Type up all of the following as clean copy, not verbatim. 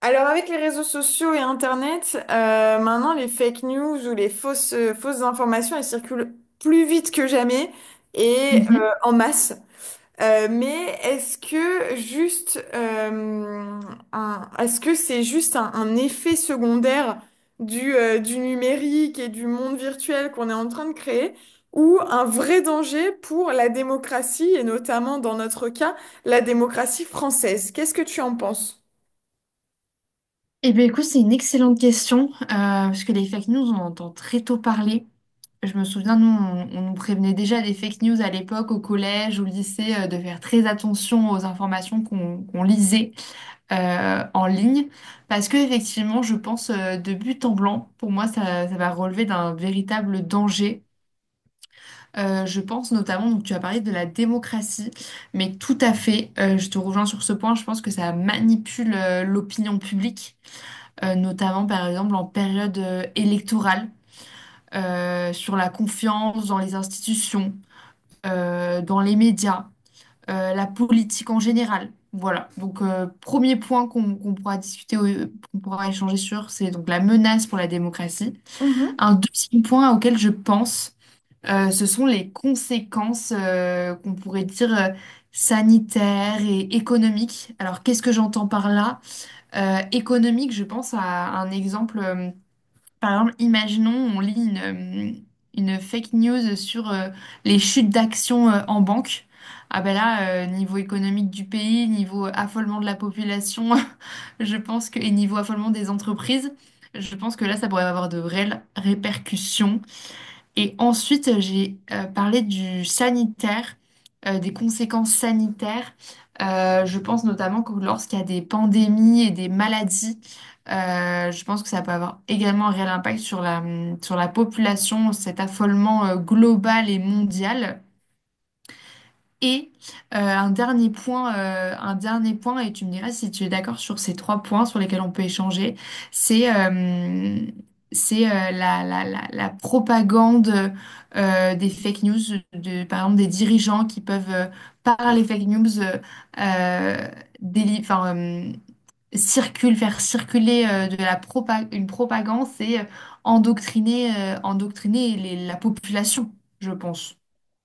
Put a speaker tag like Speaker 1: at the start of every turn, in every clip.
Speaker 1: Alors avec les réseaux sociaux et Internet, maintenant les fake news ou les fausses informations, elles circulent plus vite que jamais et
Speaker 2: Mhm.
Speaker 1: en masse. Mais est-ce que c'est juste un effet secondaire du numérique et du monde virtuel qu'on est en train de créer ou un vrai danger pour la démocratie et notamment dans notre cas la démocratie française? Qu'est-ce que tu en penses?
Speaker 2: Eh bien, écoute, c'est une excellente question, parce que les fake news, on en entend très tôt parler. Je me souviens, nous, on nous prévenait déjà des fake news à l'époque, au collège, au lycée, de faire très attention aux informations qu'on lisait en ligne, parce que effectivement, je pense de but en blanc, pour moi, ça va relever d'un véritable danger. Je pense notamment, donc tu as parlé de la démocratie, mais tout à fait, je te rejoins sur ce point, je pense que ça manipule l'opinion publique. Notamment par exemple en période électorale, sur la confiance dans les institutions, dans les médias, la politique en général. Voilà, donc premier point qu'on pourra discuter, qu'on pourra échanger sur, c'est donc la menace pour la démocratie.
Speaker 1: Mhm.
Speaker 2: Un deuxième point auquel je pense, ce sont les conséquences qu'on pourrait dire sanitaires et économiques. Alors qu'est-ce que j'entends par là? Économique, je pense à un exemple. Par exemple, imaginons, on lit une fake news sur les chutes d'actions en banque. Ah ben là, niveau économique du pays, niveau affolement de la population, je pense que, et niveau affolement des entreprises, je pense que là, ça pourrait avoir de réelles répercussions et ensuite, j'ai parlé du sanitaire, des conséquences sanitaires. Je pense notamment que lorsqu'il y a des pandémies et des maladies, je pense que ça peut avoir également un réel impact sur la population, cet affolement global et mondial. Et un dernier point, et tu me diras si tu es d'accord sur ces trois points sur lesquels on peut échanger, c'est euh, c'est la propagande des fake news, de, par exemple des dirigeants qui peuvent par les fake news, euh, déli- enfin, euh, circule, faire circuler de la une propagande, c'est endoctriner, endoctriner la population, je pense.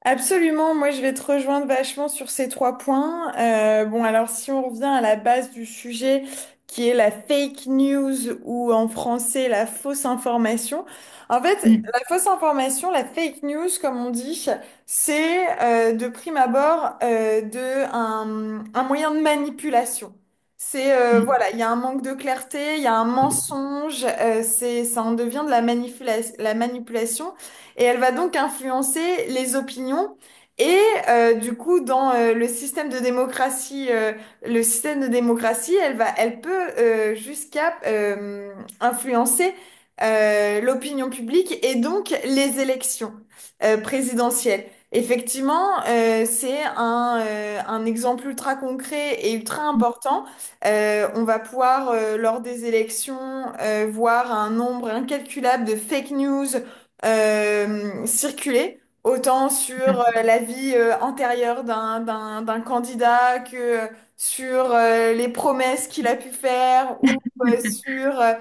Speaker 1: Absolument, moi je vais te rejoindre vachement sur ces trois points. Bon, alors si on revient à la base du sujet qui est la fake news ou en français la fausse information. En fait, la fausse information, la fake news, comme on dit, c'est de prime abord de un moyen de manipulation. C'est
Speaker 2: Mm, mm.
Speaker 1: voilà, il y a un manque de clarté, il y a un mensonge, c'est ça en devient de la la manipulation et elle va donc influencer les opinions. Et du coup, dans le système de démocratie, le système de démocratie, elle peut jusqu'à influencer l'opinion publique et donc les élections présidentielles. Effectivement, c'est un exemple ultra concret et ultra important. On va pouvoir, lors des élections, voir un nombre incalculable de fake news circuler, autant sur la vie antérieure d'un candidat que sur les promesses qu'il a pu faire ou sur euh,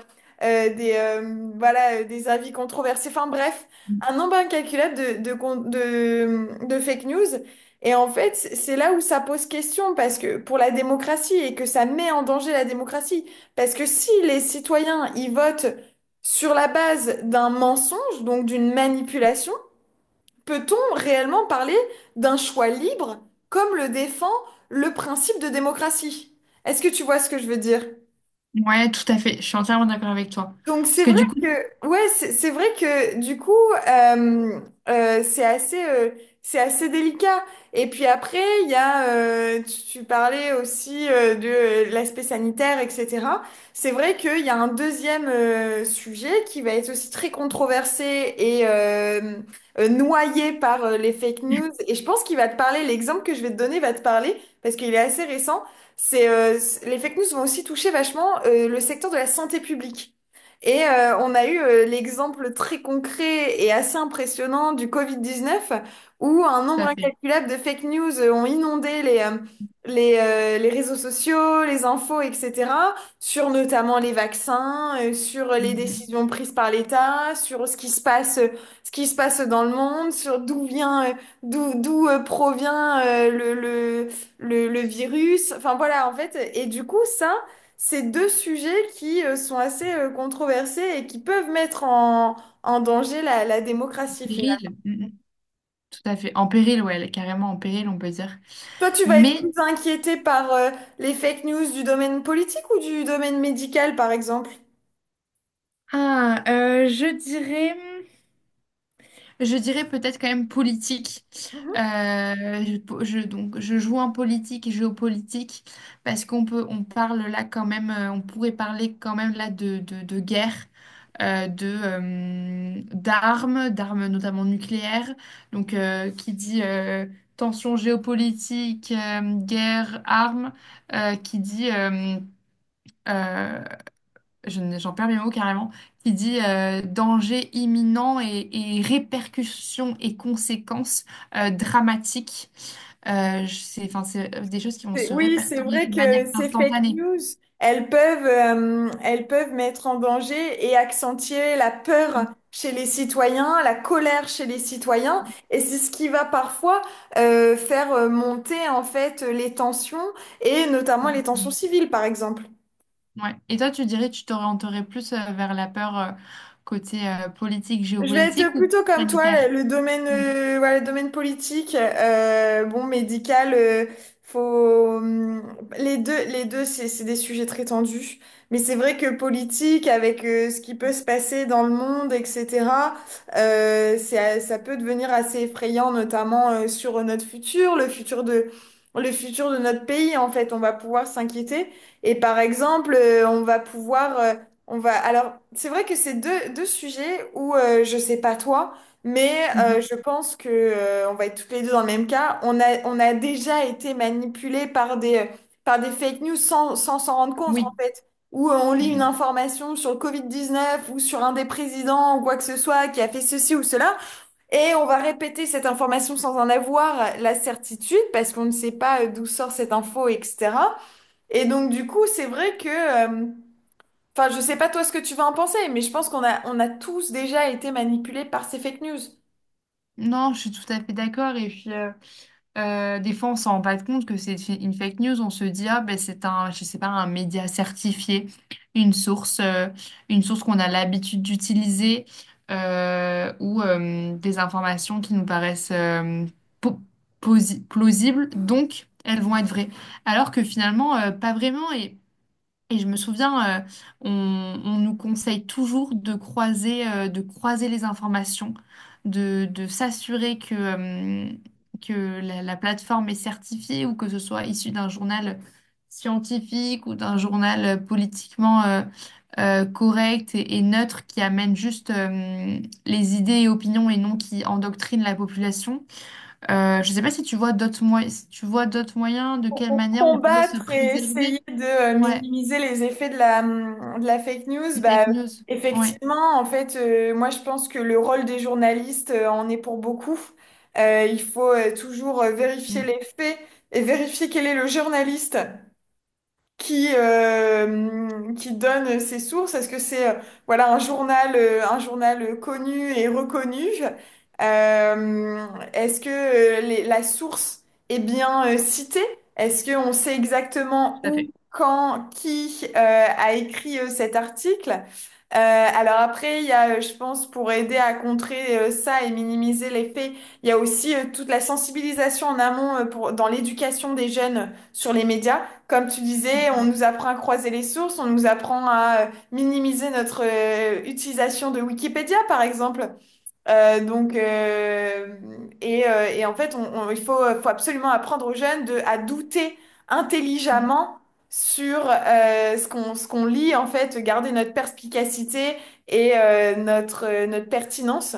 Speaker 1: euh, des, voilà, des avis controversés. Enfin bref, un nombre incalculable de fake news. Et en fait, c'est là où ça pose question parce que pour la démocratie et que ça met en danger la démocratie. Parce que si les citoyens, ils votent sur la base d'un mensonge, donc d'une manipulation, peut-on réellement parler d'un choix libre comme le défend le principe de démocratie? Est-ce que tu vois ce que je veux dire?
Speaker 2: Ouais, tout à fait. Je suis entièrement d'accord avec toi.
Speaker 1: Donc
Speaker 2: Parce
Speaker 1: c'est
Speaker 2: que
Speaker 1: vrai
Speaker 2: du coup,
Speaker 1: que
Speaker 2: tout
Speaker 1: ouais c'est vrai que du coup, euh, euh, c'est assez euh, c'est assez délicat. Et puis après il y a tu parlais aussi de l'aspect sanitaire, etc. C'est vrai qu'il y a un deuxième sujet qui va être aussi très controversé et noyé par les fake news, et je pense qu'il va te parler. L'exemple que je vais te donner va te parler parce qu'il est assez récent. C'est les fake news vont aussi toucher vachement le secteur de la santé publique, et on a eu l'exemple très concret et assez impressionnant du Covid-19, où un nombre
Speaker 2: à fait.
Speaker 1: incalculable de fake news ont inondé les réseaux sociaux, les infos, etc., sur notamment les vaccins, sur les
Speaker 2: Mhm.
Speaker 1: décisions prises par l'État, sur ce qui se passe dans le monde, sur d'où vient, d'où, d'où provient le virus. Enfin voilà, en fait. Et du coup, ça. C'est deux sujets qui sont assez controversés et qui peuvent mettre en danger la démocratie finalement.
Speaker 2: Péril. Mhm. Tout à fait. En péril, ouais, elle est carrément en péril, on peut dire.
Speaker 1: Toi, tu vas être
Speaker 2: Mais
Speaker 1: plus inquiété par les fake news du domaine politique ou du domaine médical, par exemple?
Speaker 2: ah, je dirais. Je dirais peut-être quand même politique.
Speaker 1: Mhm.
Speaker 2: Euh, je, donc, je joue en politique et géopolitique parce qu'on peut, on parle là quand même, on pourrait parler quand même là de guerre, d'armes, d'armes notamment nucléaires. Donc, qui dit tension géopolitique, guerre, armes, qui dit euh, je j'en perds mes mots carrément, qui dit danger imminent et répercussions et conséquences dramatiques. C'est, enfin, c'est des choses qui vont se
Speaker 1: Oui, c'est
Speaker 2: répertorier
Speaker 1: vrai
Speaker 2: de manière
Speaker 1: que ces fake
Speaker 2: instantanée.
Speaker 1: news, elles peuvent mettre en danger et accentuer la peur chez les citoyens, la colère chez les citoyens, et c'est ce qui va parfois faire monter en fait les tensions et notamment les tensions civiles, par exemple.
Speaker 2: Ouais. Et toi, tu dirais que tu t'orienterais plus vers la peur côté politique,
Speaker 1: Je vais être
Speaker 2: géopolitique ou
Speaker 1: plutôt comme toi,
Speaker 2: planétaire?
Speaker 1: le domaine, voilà, le domaine politique, bon, médical, faut, hum, les deux, c'est des sujets très tendus. Mais c'est vrai que politique, avec ce qui peut se passer dans le monde, etc., ça peut devenir assez effrayant, notamment sur notre futur, le futur de notre pays. En fait, on va pouvoir s'inquiéter. Et par exemple, on va pouvoir on va. Alors, c'est vrai que c'est deux sujets où je sais pas toi, mais
Speaker 2: Mhm.
Speaker 1: je pense que on va être toutes les deux dans le même cas. On a déjà été manipulés par par des fake news sans s'en rendre compte en
Speaker 2: Oui.
Speaker 1: fait. Où on lit une
Speaker 2: Mhm.
Speaker 1: information sur le covid neuf ou sur un des présidents ou quoi que ce soit qui a fait ceci ou cela, et on va répéter cette information sans en avoir la certitude parce qu'on ne sait pas d'où sort cette info, etc. Et donc du coup, c'est vrai que euh, enfin, je sais pas toi ce que tu vas en penser, mais je pense qu'on a tous déjà été manipulés par ces fake news.
Speaker 2: Non, je suis tout à fait d'accord. Et puis, des fois, on s'en rend pas compte que c'est une fake news. On se dit, ah, ben, c'est un, je sais pas, un média certifié, une source, euh, une source qu'on a l'habitude d'utiliser ou des informations qui nous paraissent po- plausibles. Donc, elles vont être vraies. Alors que finalement, pas vraiment. Et je me souviens, on nous conseille toujours de croiser les informations, de s'assurer que que la plateforme est certifiée ou que ce soit issu d'un journal scientifique ou d'un journal politiquement correct et neutre qui amène juste les idées et opinions et non qui endoctrine la population. Je ne sais pas si tu vois d'autres moyens, si tu vois d'autres moyens, de
Speaker 1: Pour
Speaker 2: quelle
Speaker 1: pour
Speaker 2: manière on pourrait se
Speaker 1: combattre et essayer
Speaker 2: préserver.
Speaker 1: de
Speaker 2: Ouais.
Speaker 1: minimiser les effets de la fake news,
Speaker 2: Les
Speaker 1: bah,
Speaker 2: fake news. Oui.
Speaker 1: effectivement, en fait, moi je pense que le rôle des journalistes en est pour beaucoup. Il faut toujours vérifier
Speaker 2: Mm.
Speaker 1: les faits et vérifier quel est le journaliste, qui donne ses sources? Est-ce que c'est voilà, un journal connu et reconnu? Euh, Est-ce que la source est bien citée? Est-ce qu'on sait exactement
Speaker 2: Tout à
Speaker 1: où,
Speaker 2: fait.
Speaker 1: quand, qui a écrit cet article? Alors après, il y a, je pense, pour aider à contrer ça et minimiser les faits, il y a aussi toute la sensibilisation en amont pour, dans l'éducation des jeunes sur les médias. Comme tu disais, on
Speaker 2: Mm,
Speaker 1: nous apprend à croiser les sources, on nous apprend à minimiser notre utilisation de Wikipédia, par exemple. Donc, et en fait, il faut absolument apprendre aux jeunes de, à douter
Speaker 2: mm.
Speaker 1: intelligemment sur ce qu'on lit, en fait, garder notre perspicacité et notre pertinence.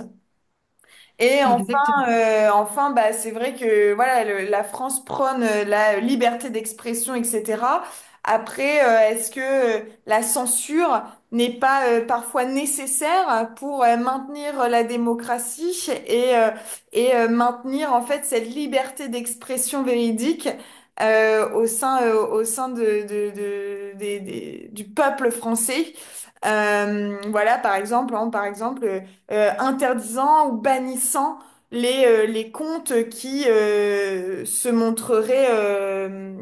Speaker 1: Et enfin,
Speaker 2: Exactement.
Speaker 1: euh, enfin, bah, c'est vrai que voilà, la France prône la liberté d'expression, etc. Après, est-ce que la censure n'est pas parfois nécessaire pour maintenir la démocratie et maintenir en fait cette liberté d'expression véridique au sein du peuple français? Voilà, par exemple, hein, par exemple interdisant ou bannissant les comptes qui se montreraient euh,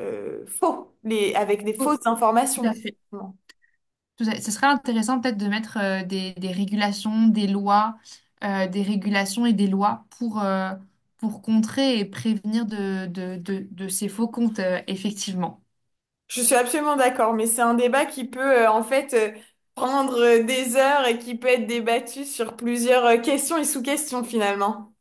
Speaker 1: euh, faux, avec des
Speaker 2: Oh,
Speaker 1: fausses
Speaker 2: tout à
Speaker 1: informations.
Speaker 2: fait. Tout à fait. Ce serait intéressant peut-être de mettre des régulations, des lois, des régulations et des lois pour contrer et prévenir de ces faux comptes, effectivement.
Speaker 1: Je suis absolument d'accord, mais c'est un débat qui peut en fait prendre des heures et qui peut être débattu sur plusieurs questions et sous-questions finalement.